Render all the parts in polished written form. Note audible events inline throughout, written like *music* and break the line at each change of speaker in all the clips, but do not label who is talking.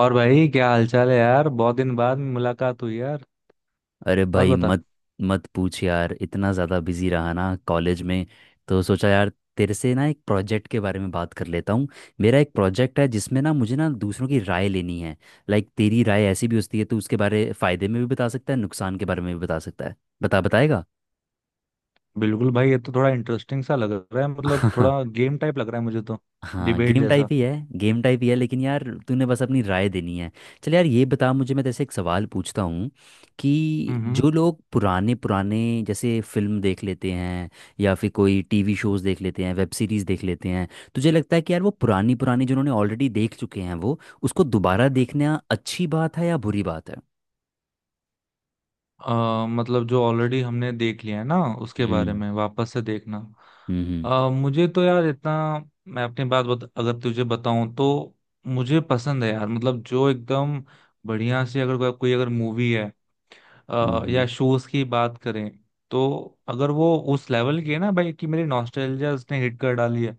और भाई क्या हालचाल है यार। बहुत दिन बाद मुलाकात हुई यार।
अरे
और
भाई
बता।
मत मत पूछ यार। इतना ज़्यादा बिजी रहा ना कॉलेज में, तो सोचा यार तेरे से ना एक प्रोजेक्ट के बारे में बात कर लेता हूँ। मेरा एक प्रोजेक्ट है जिसमें ना मुझे ना दूसरों की राय लेनी है। लाइक तेरी राय ऐसी भी होती है तो उसके बारे फ़ायदे में भी बता सकता है, नुकसान के बारे में भी बता सकता है। बता बताएगा?
बिल्कुल भाई, ये तो थोड़ा इंटरेस्टिंग सा लग रहा है। मतलब थोड़ा
*laughs*
गेम टाइप लग रहा है मुझे तो।
हाँ,
डिबेट
गेम टाइप
जैसा।
ही है। गेम टाइप ही है लेकिन यार तूने बस अपनी राय देनी है। चल यार ये बता मुझे, मैं जैसे एक सवाल पूछता हूँ कि
हम्म।
जो लोग पुराने पुराने जैसे फिल्म देख लेते हैं या फिर कोई टीवी शोज देख लेते हैं, वेब सीरीज देख लेते हैं, तुझे लगता है कि यार वो पुरानी पुरानी जिन्होंने ऑलरेडी देख चुके हैं वो उसको दोबारा देखना अच्छी बात है या बुरी बात है?
मतलब जो ऑलरेडी हमने देख लिया है ना, उसके बारे
हम्म।
में वापस से देखना।
हम्म।
मुझे तो यार इतना। मैं अपनी बात बता, अगर तुझे बताऊं तो मुझे पसंद है यार। मतलब जो एकदम बढ़िया सी अगर कोई कोई अगर मूवी है, या
हम्म।
शूज की बात करें, तो अगर वो उस लेवल की है ना भाई, कि मेरी नॉस्टैल्जिया उसने हिट कर डाली है,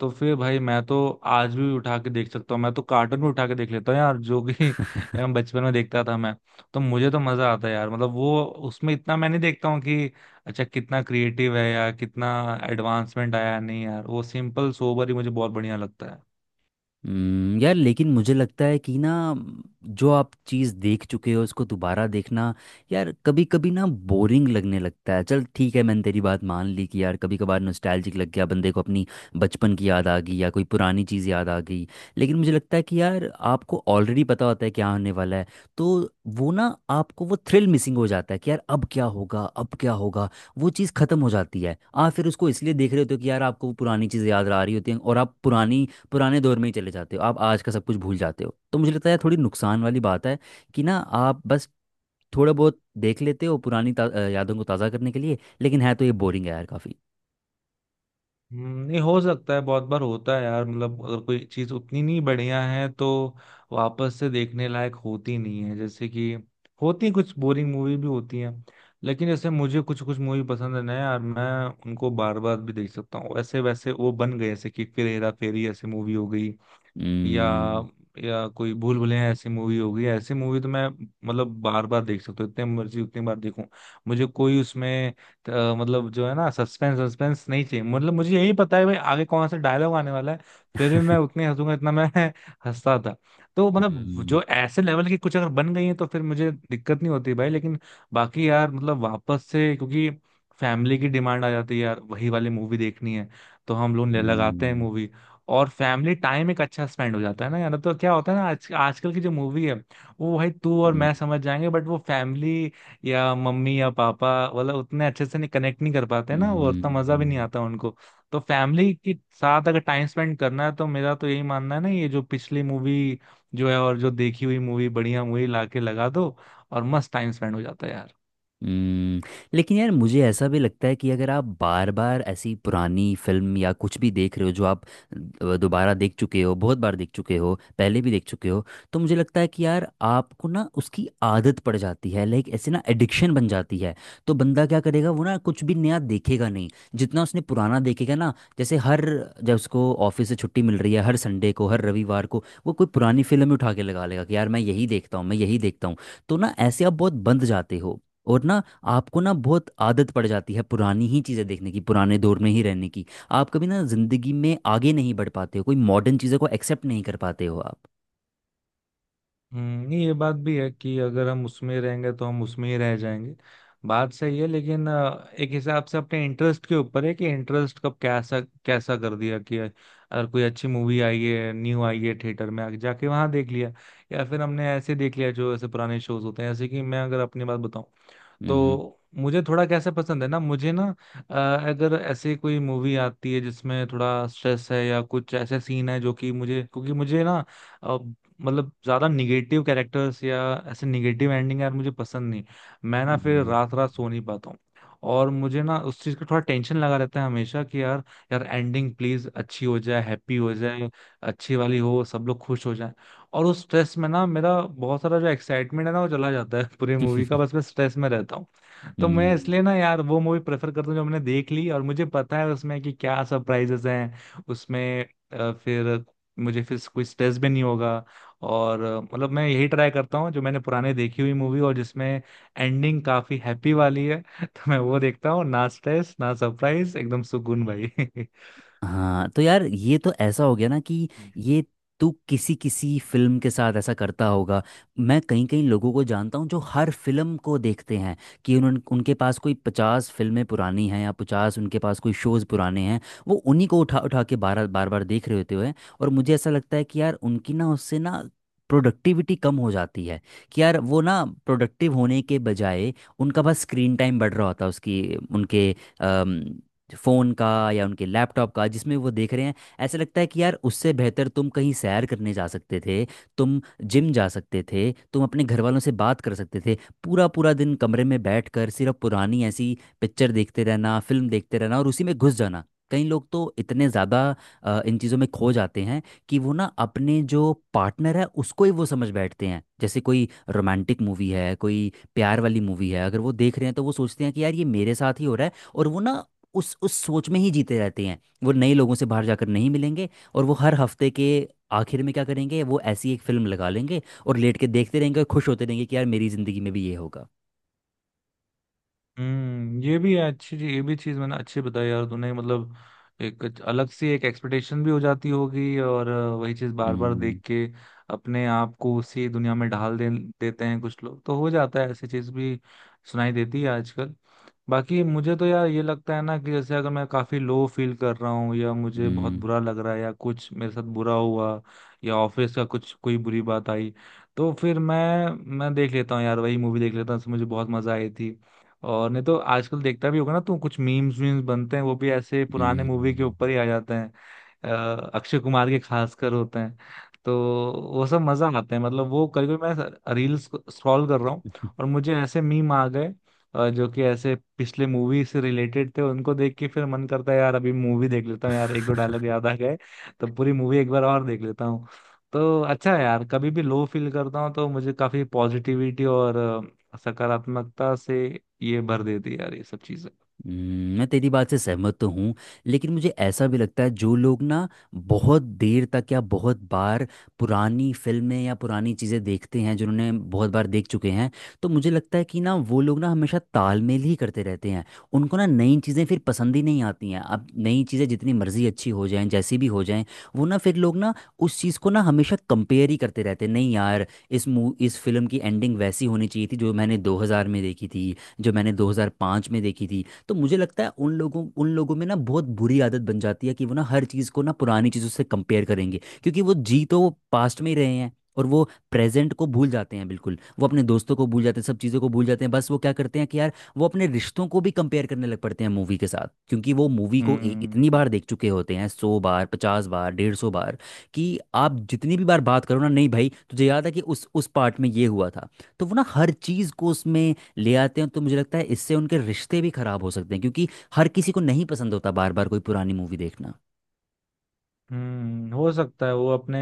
तो फिर भाई मैं तो आज भी उठा के देख सकता हूँ। मैं तो कार्टून भी उठा के देख लेता हूँ यार, जो कि *laughs* हम बचपन में देखता था मैं। तो मुझे तो मजा आता है यार। मतलब वो उसमें इतना मैं नहीं देखता हूँ कि अच्छा, कितना क्रिएटिव है या कितना एडवांसमेंट आया। नहीं यार, वो सिंपल सोबर ही मुझे बहुत बढ़िया लगता है।
यार लेकिन मुझे लगता है कि ना जो आप चीज़ देख चुके हो उसको दोबारा देखना यार कभी कभी ना बोरिंग लगने लगता है। चल ठीक है, मैंने तेरी बात मान ली कि यार कभी कभार नॉस्टैल्जिक लग गया बंदे को, अपनी बचपन की याद आ गई या कोई पुरानी चीज़ याद आ गई। लेकिन मुझे लगता है कि यार आपको ऑलरेडी पता होता है क्या होने वाला है, तो वो ना आपको वो थ्रिल मिसिंग हो जाता है कि यार अब क्या होगा, अब क्या होगा। वो चीज़ ख़त्म हो जाती है। आप फिर उसको इसलिए देख रहे होते हो कि यार आपको वो पुरानी चीज़ें याद आ रही होती हैं और आप पुरानी पुराने दौर में ही चले जाते हो, आप आज का सब कुछ भूल जाते हो। तो मुझे लगता है थोड़ी नुकसान वाली बात है कि ना आप बस थोड़ा बहुत देख लेते हो यादों को ताज़ा करने के लिए, लेकिन है तो ये बोरिंग है यार काफ़ी।
नहीं। हो सकता है, बहुत बार होता है यार। मतलब अगर कोई चीज उतनी नहीं बढ़िया है तो वापस से देखने लायक होती नहीं है। जैसे कि होती हैं, कुछ बोरिंग मूवी भी होती हैं। लेकिन जैसे मुझे कुछ कुछ मूवी पसंद है ना यार, मैं उनको बार बार भी देख सकता हूँ। वैसे वैसे वो बन गए, जैसे कि फिर हेरा फेरी ऐसी मूवी हो गई, या
हम्म।
या कोई भूल भुलैया ऐसी मूवी होगी। ऐसी मूवी तो मैं, मतलब बार बार देख सकता हूँ, इतने मर्जी उतनी बार देखूं, मुझे कोई उसमें मतलब जो है ना, सस्पेंस सस्पेंस नहीं चाहिए। मतलब मुझे यही पता है भाई आगे कौन सा डायलॉग आने वाला है, फिर भी मैं उतने हंसूंगा इतना मैं *laughs* हंसता था। तो मतलब
हम्म।
जो ऐसे लेवल की कुछ अगर बन गई है तो फिर मुझे दिक्कत नहीं होती भाई। लेकिन बाकी यार, मतलब वापस से, क्योंकि फैमिली की डिमांड आ जाती है यार, वही वाली मूवी देखनी है, तो हम लोग लगाते हैं
हम्म।
मूवी। और फैमिली टाइम एक अच्छा स्पेंड हो जाता है ना यार। तो क्या होता है ना, आज आजकल की जो मूवी है, वो भाई तू और
हम्म।
मैं समझ जाएंगे, बट वो फैमिली या मम्मी या पापा मतलब उतने अच्छे से नहीं कनेक्ट नहीं कर पाते ना, वो उतना मजा भी नहीं
हम्म,
आता उनको। तो फैमिली के साथ अगर टाइम स्पेंड करना है, तो मेरा तो यही मानना है ना, ये जो पिछली मूवी जो है और जो देखी हुई मूवी, बढ़िया मूवी लाके लगा दो और मस्त टाइम स्पेंड हो जाता है यार।
हम्म, लेकिन यार मुझे ऐसा भी लगता है कि अगर आप बार बार ऐसी पुरानी फिल्म या कुछ भी देख रहे हो जो आप दोबारा देख चुके हो, बहुत बार देख चुके हो, पहले भी देख चुके हो, तो मुझे लगता है कि यार आपको ना उसकी आदत पड़ जाती है। लाइक ऐसे ना एडिक्शन बन जाती है। तो बंदा क्या करेगा, वो ना कुछ भी नया देखेगा नहीं, जितना उसने पुराना देखेगा ना। जैसे हर जब उसको ऑफिस से छुट्टी मिल रही है हर संडे को हर रविवार को, वो कोई पुरानी फिल्म ही उठा के लगा लेगा कि यार मैं यही देखता हूँ, मैं यही देखता हूँ। तो ना ऐसे आप बहुत बंद जाते हो और ना आपको ना बहुत आदत पड़ जाती है पुरानी ही चीज़ें देखने की, पुराने दौर में ही रहने की। आप कभी ना ज़िंदगी में आगे नहीं बढ़ पाते हो, कोई मॉडर्न चीज़ों को एक्सेप्ट नहीं कर पाते हो आप।
नहीं, ये बात भी है कि अगर हम उसमें रहेंगे तो हम उसमें ही रह जाएंगे। बात सही है, लेकिन एक हिसाब से अपने इंटरेस्ट के ऊपर है कि इंटरेस्ट कब कैसा कैसा कर दिया, कि अगर कोई अच्छी मूवी आई है न्यू आई है, थिएटर में आके जाके वहां देख लिया, या फिर हमने ऐसे देख लिया जो ऐसे पुराने शोज होते हैं। जैसे कि मैं अगर अपनी बात बताऊं
हम्म।
तो मुझे थोड़ा कैसे पसंद है ना, मुझे ना अ, अगर ऐसे कोई मूवी आती है जिसमें थोड़ा स्ट्रेस है या कुछ ऐसे सीन है, जो कि मुझे, क्योंकि मुझे ना अ, मतलब ज्यादा निगेटिव कैरेक्टर्स या ऐसे निगेटिव एंडिंग यार मुझे पसंद नहीं। मैं ना फिर
हम्म।
रात रात सो नहीं पाता हूँ, और मुझे ना उस चीज का थोड़ा टेंशन लगा रहता है हमेशा कि यार, यार एंडिंग प्लीज अच्छी हो जाए, हैप्पी हो जाए, अच्छी वाली हो, सब लोग खुश हो जाए। और उस स्ट्रेस में ना मेरा बहुत सारा जो एक्साइटमेंट है ना वो चला जाता है पूरी मूवी का, बस मैं स्ट्रेस में रहता हूँ। तो मैं
हम्म।
इसलिए ना यार वो मूवी प्रेफर करता हूँ जो मैंने देख ली और मुझे पता है उसमें कि क्या सरप्राइजेस हैं उसमें, फिर मुझे फिर कोई स्ट्रेस भी नहीं होगा। और मतलब मैं यही ट्राई करता हूँ जो मैंने पुराने देखी हुई मूवी और जिसमें एंडिंग काफी हैप्पी वाली है *laughs* तो मैं वो देखता हूँ, ना स्ट्रेस ना सरप्राइज, एकदम सुकून भाई *laughs*
हाँ तो यार ये तो ऐसा हो गया ना कि
हम्म।
ये तू किसी किसी फिल्म के साथ ऐसा करता होगा। मैं कई कई लोगों को जानता हूँ जो हर फिल्म को देखते हैं, कि उन उनके पास कोई पचास फिल्में पुरानी हैं या पचास उनके पास कोई शोज़ पुराने हैं। वो उन्हीं को उठा उठा के बार बार बार देख रहे होते हुए, और मुझे ऐसा लगता है कि यार उनकी ना उससे ना प्रोडक्टिविटी कम हो जाती है। कि यार वो ना प्रोडक्टिव होने के बजाय उनका बस स्क्रीन टाइम बढ़ रहा होता है उसकी उनके फ़ोन का या उनके लैपटॉप का जिसमें वो देख रहे हैं। ऐसा लगता है कि यार उससे बेहतर तुम कहीं सैर करने जा सकते थे, तुम जिम जा सकते थे, तुम अपने घर वालों से बात कर सकते थे। पूरा पूरा दिन कमरे में बैठकर सिर्फ पुरानी ऐसी पिक्चर देखते रहना, फिल्म देखते रहना और उसी में घुस जाना। कई लोग तो इतने ज़्यादा इन चीज़ों में खो जाते हैं कि वो ना अपने जो पार्टनर है उसको ही वो समझ बैठते हैं। जैसे कोई रोमांटिक मूवी है, कोई प्यार वाली मूवी है अगर वो देख रहे हैं तो वो सोचते हैं कि यार ये मेरे साथ ही हो रहा है, और वो ना उस सोच में ही जीते रहते हैं। वो नए लोगों से बाहर जाकर नहीं मिलेंगे, और वो हर हफ्ते के आखिर में क्या करेंगे, वो ऐसी एक फिल्म लगा लेंगे और लेट के देखते रहेंगे और खुश होते रहेंगे कि यार मेरी जिंदगी में भी ये होगा।
हम्म, ये भी चीज मैंने अच्छी बताई यार तूने। मतलब एक अलग सी एक एक्सपेक्टेशन भी हो जाती होगी, और वही चीज बार बार
हम्म।
देख के अपने आप को उसी दुनिया में ढाल दे देते हैं कुछ लोग। तो हो जाता है ऐसी चीज भी, सुनाई देती है आजकल। बाकी मुझे तो यार ये लगता है ना कि जैसे अगर मैं काफी लो फील कर रहा हूँ, या मुझे बहुत
हम्म।
बुरा लग रहा है, या कुछ मेरे साथ बुरा हुआ, या ऑफिस का कुछ कोई बुरी बात आई, तो फिर मैं देख लेता हूँ यार, वही मूवी देख लेता हूँ जिसमें मुझे बहुत मजा आई थी। और नहीं तो आजकल देखता भी होगा ना तू, कुछ मीम्स वीम्स बनते हैं वो भी ऐसे पुराने मूवी के ऊपर
हम्म।
ही आ जाते हैं। अक्षय कुमार के खासकर होते हैं, तो वो सब मजा आते हैं। मतलब वो कभी कभी मैं रील्स स्क्रॉल कर रहा हूँ और मुझे ऐसे मीम आ गए जो कि ऐसे पिछले मूवी से रिलेटेड थे, उनको देख के फिर मन करता है यार अभी मूवी देख लेता हूँ यार, एक दो डायलॉग याद आ गए, तो पूरी मूवी एक बार और देख लेता हूँ। तो अच्छा है यार, कभी भी लो फील करता हूँ तो मुझे काफी पॉजिटिविटी और सकारात्मकता से ये भर देती है यार, ये सब चीजें।
मैं तेरी बात से सहमत तो हूँ लेकिन मुझे ऐसा भी लगता है जो लोग ना बहुत देर तक या बहुत बार पुरानी फिल्में या पुरानी चीज़ें देखते हैं जिन्होंने बहुत बार देख चुके हैं, तो मुझे लगता है कि ना वो लोग ना हमेशा तालमेल ही करते रहते हैं। उनको ना नई चीज़ें फिर पसंद ही नहीं आती हैं। अब नई चीज़ें जितनी मर्जी अच्छी हो जाएं जैसी भी हो जाएं, वो ना फिर लोग ना उस चीज़ को ना हमेशा कंपेयर ही करते रहते हैं। नहीं यार, इस फिल्म की एंडिंग वैसी होनी चाहिए थी जो मैंने 2000 में देखी थी, जो मैंने 2005 में देखी थी। तो मुझे लगता है उन लोगों में ना बहुत बुरी आदत बन जाती है कि वो ना हर चीज़ को ना पुरानी चीज़ों से कंपेयर करेंगे, क्योंकि वो जी तो वो पास्ट में ही रहे हैं और वो प्रेजेंट को भूल जाते हैं बिल्कुल। वो अपने दोस्तों को भूल जाते हैं, सब चीज़ों को भूल जाते हैं। बस वो क्या करते हैं कि यार वो अपने रिश्तों को भी कंपेयर करने लग पड़ते हैं मूवी के साथ, क्योंकि वो मूवी को
हम्म।
इतनी बार देख चुके होते हैं, सौ बार, पचास बार, डेढ़ सौ बार, कि आप जितनी भी बार बात करो ना, नहीं भाई तुझे याद है कि उस पार्ट में ये हुआ था। तो वो ना हर चीज़ को उसमें ले आते हैं। तो मुझे लगता है इससे उनके रिश्ते भी खराब हो सकते हैं क्योंकि हर किसी को नहीं पसंद होता बार बार कोई पुरानी मूवी देखना।
हम्म, हो सकता है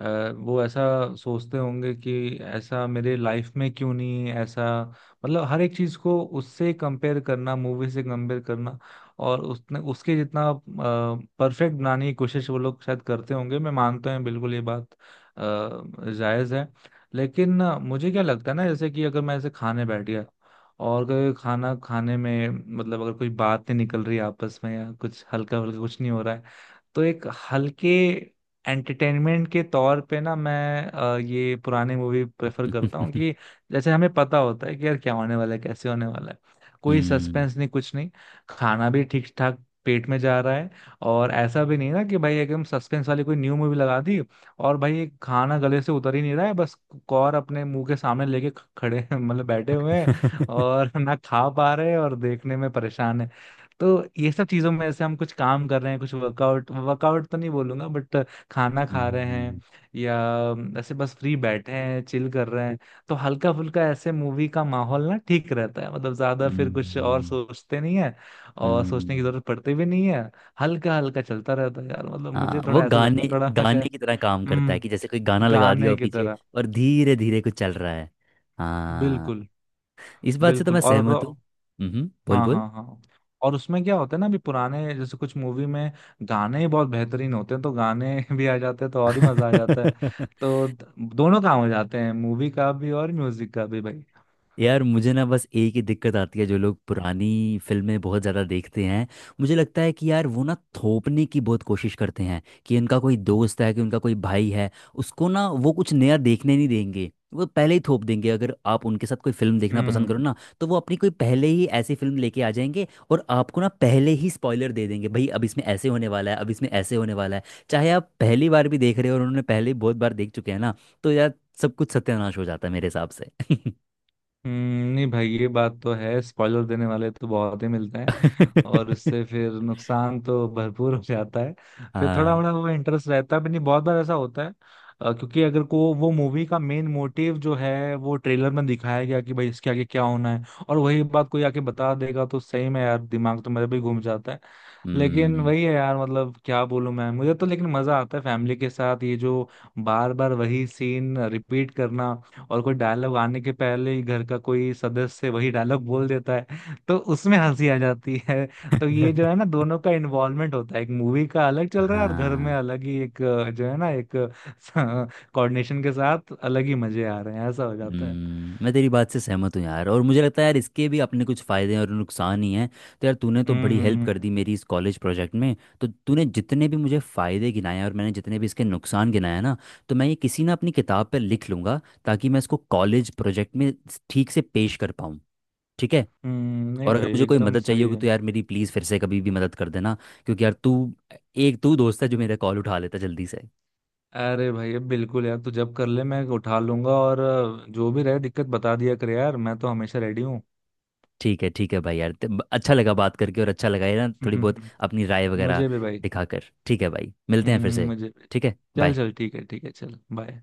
अ, वो ऐसा सोचते होंगे कि ऐसा मेरे लाइफ में क्यों नहीं, ऐसा मतलब हर एक चीज को उससे कंपेयर करना, मूवी से कंपेयर करना, और उसने उसके जितना परफेक्ट बनाने की कोशिश वो लोग शायद करते होंगे। मैं मानता हूँ बिल्कुल, ये बात जायज है। लेकिन मुझे क्या लगता है ना, जैसे कि अगर मैं ऐसे खाने बैठ गया, और अगर खाना खाने में मतलब अगर कोई बात नहीं निकल रही आपस में, या कुछ हल्का हल्का कुछ नहीं हो रहा है, तो एक हल्के एंटरटेनमेंट के तौर पे ना मैं ये पुराने मूवी प्रेफर करता
*laughs*
हूँ। कि जैसे हमें पता होता है कि यार क्या होने वाला है कैसे होने वाला है, कोई
हम्म।
सस्पेंस नहीं कुछ नहीं, खाना भी ठीक ठाक पेट में जा रहा है। और ऐसा भी नहीं ना कि भाई एकदम सस्पेंस वाली कोई न्यू मूवी लगा दी, और भाई ये खाना गले से उतर ही नहीं रहा है, बस कौर अपने मुंह के सामने लेके खड़े *laughs* हैं, मतलब बैठे हुए हैं
*laughs*
और *laughs* ना खा पा रहे हैं और देखने में परेशान है। तो ये सब चीजों में ऐसे हम कुछ काम कर रहे हैं, कुछ वर्कआउट वर्कआउट तो नहीं बोलूंगा बट खाना खा रहे
हम्म।
हैं, या ऐसे बस फ्री बैठे हैं चिल कर रहे हैं, तो हल्का फुल्का ऐसे मूवी का माहौल ना ठीक रहता है, मतलब ज्यादा फिर कुछ और
हम्म।
सोचते नहीं है, और सोचने की
हम्म।
जरूरत पड़ती भी नहीं है। हल्का हल्का चलता रहता है यार, मतलब
हाँ,
मुझे
वो
थोड़ा ऐसा लगता
गाने
है, थोड़ा
गाने
शायद।
की तरह काम करता है कि जैसे
हम्म।
कोई गाना लगा दिया
गाने
हो
की
पीछे
तरह।
और धीरे धीरे कुछ चल रहा है। हाँ,
बिल्कुल।
इस बात से तो
बिल्कुल।
मैं
और
सहमत हूँ। हम्म, बोल
हाँ
बोल।
हाँ हाँ। और उसमें क्या होता है ना, अभी पुराने जैसे कुछ मूवी में गाने ही बहुत बेहतरीन होते हैं, तो गाने *laughs* भी आ जाते हैं, तो और ही मजा आ जाता है।
*laughs*
तो दोनों काम हो जाते हैं मूवी का भी और म्यूजिक का भी भाई।
यार मुझे ना बस एक ही दिक्कत आती है जो लोग पुरानी फिल्में बहुत ज़्यादा देखते हैं, मुझे लगता है कि यार वो ना थोपने की बहुत कोशिश करते हैं। कि उनका कोई दोस्त है कि उनका कोई भाई है, उसको ना वो कुछ नया देखने नहीं देंगे, वो पहले ही थोप देंगे। अगर आप उनके साथ कोई फिल्म देखना पसंद करो
हम्म।
ना, तो वो अपनी कोई पहले ही ऐसी फिल्म लेके आ जाएंगे और आपको ना पहले ही स्पॉइलर दे देंगे, भाई अब इसमें ऐसे होने वाला है, अब इसमें ऐसे होने वाला है। चाहे आप पहली बार भी देख रहे हो और उन्होंने पहले ही बहुत बार देख चुके हैं ना, तो यार सब कुछ सत्यानाश हो जाता है मेरे हिसाब से। *laughs*
नहीं भाई ये बात तो है, स्पॉइलर देने वाले तो बहुत ही मिलते हैं और उससे
*laughs*
फिर नुकसान तो भरपूर *laughs* हो जाता है। फिर थोड़ा
हाँ।
थोड़ा वो इंटरेस्ट रहता है भी नहीं, बहुत बार ऐसा होता है। क्योंकि अगर को वो मूवी का मेन मोटिव जो है वो ट्रेलर में दिखाया गया कि भाई इसके आगे क्या होना है, और वही बात कोई आके बता देगा, तो सही में यार दिमाग तो मेरा भी घूम जाता है। लेकिन
हम्म।
वही है यार, मतलब क्या बोलूं मैं, मुझे तो लेकिन मजा आता है फैमिली के साथ, ये जो बार बार वही सीन रिपीट करना, और कोई डायलॉग आने के पहले ही घर का कोई सदस्य वही डायलॉग बोल देता है, तो उसमें हंसी आ जाती है। तो ये जो है ना, दोनों का इन्वॉल्वमेंट होता है, एक मूवी का अलग चल रहा है और घर में
हाँ।
अलग ही एक जो है ना एक *laughs* कोऑर्डिनेशन के साथ, अलग ही मजे आ रहे हैं। ऐसा हो जाता है।
मैं तेरी बात से सहमत हूँ यार और मुझे लगता है यार इसके भी अपने कुछ फ़ायदे और नुकसान ही हैं। तो यार तूने तो बड़ी
हम्म।
हेल्प कर
हम्म।
दी मेरी इस कॉलेज प्रोजेक्ट में। तो तूने जितने भी मुझे फ़ायदे गिनाए और मैंने जितने भी इसके नुकसान गिनाए ना, तो मैं ये किसी ना अपनी किताब पर लिख लूँगा ताकि मैं इसको कॉलेज प्रोजेक्ट में ठीक से पेश कर पाऊँ। ठीक है?
नहीं
और अगर
भाई
मुझे कोई
एकदम
मदद चाहिए
सही
होगी
है।
तो यार मेरी प्लीज़ फिर से कभी भी मदद कर देना, क्योंकि यार तू एक तू दोस्त है जो मेरा कॉल उठा लेता जल्दी।
अरे भाई अब बिल्कुल यार, तू जब कर ले मैं उठा लूंगा, और जो भी रहे दिक्कत बता दिया कर यार, मैं तो हमेशा रेडी हूँ
ठीक है, ठीक है भाई यार, अच्छा लगा बात करके और अच्छा लगा ये ना थोड़ी बहुत
*laughs*
अपनी राय वगैरह
मुझे भी भाई।
दिखाकर। ठीक है भाई, मिलते हैं फिर से।
मुझे भी।
ठीक है,
चल
बाय।
चल, ठीक है ठीक है, चल बाय।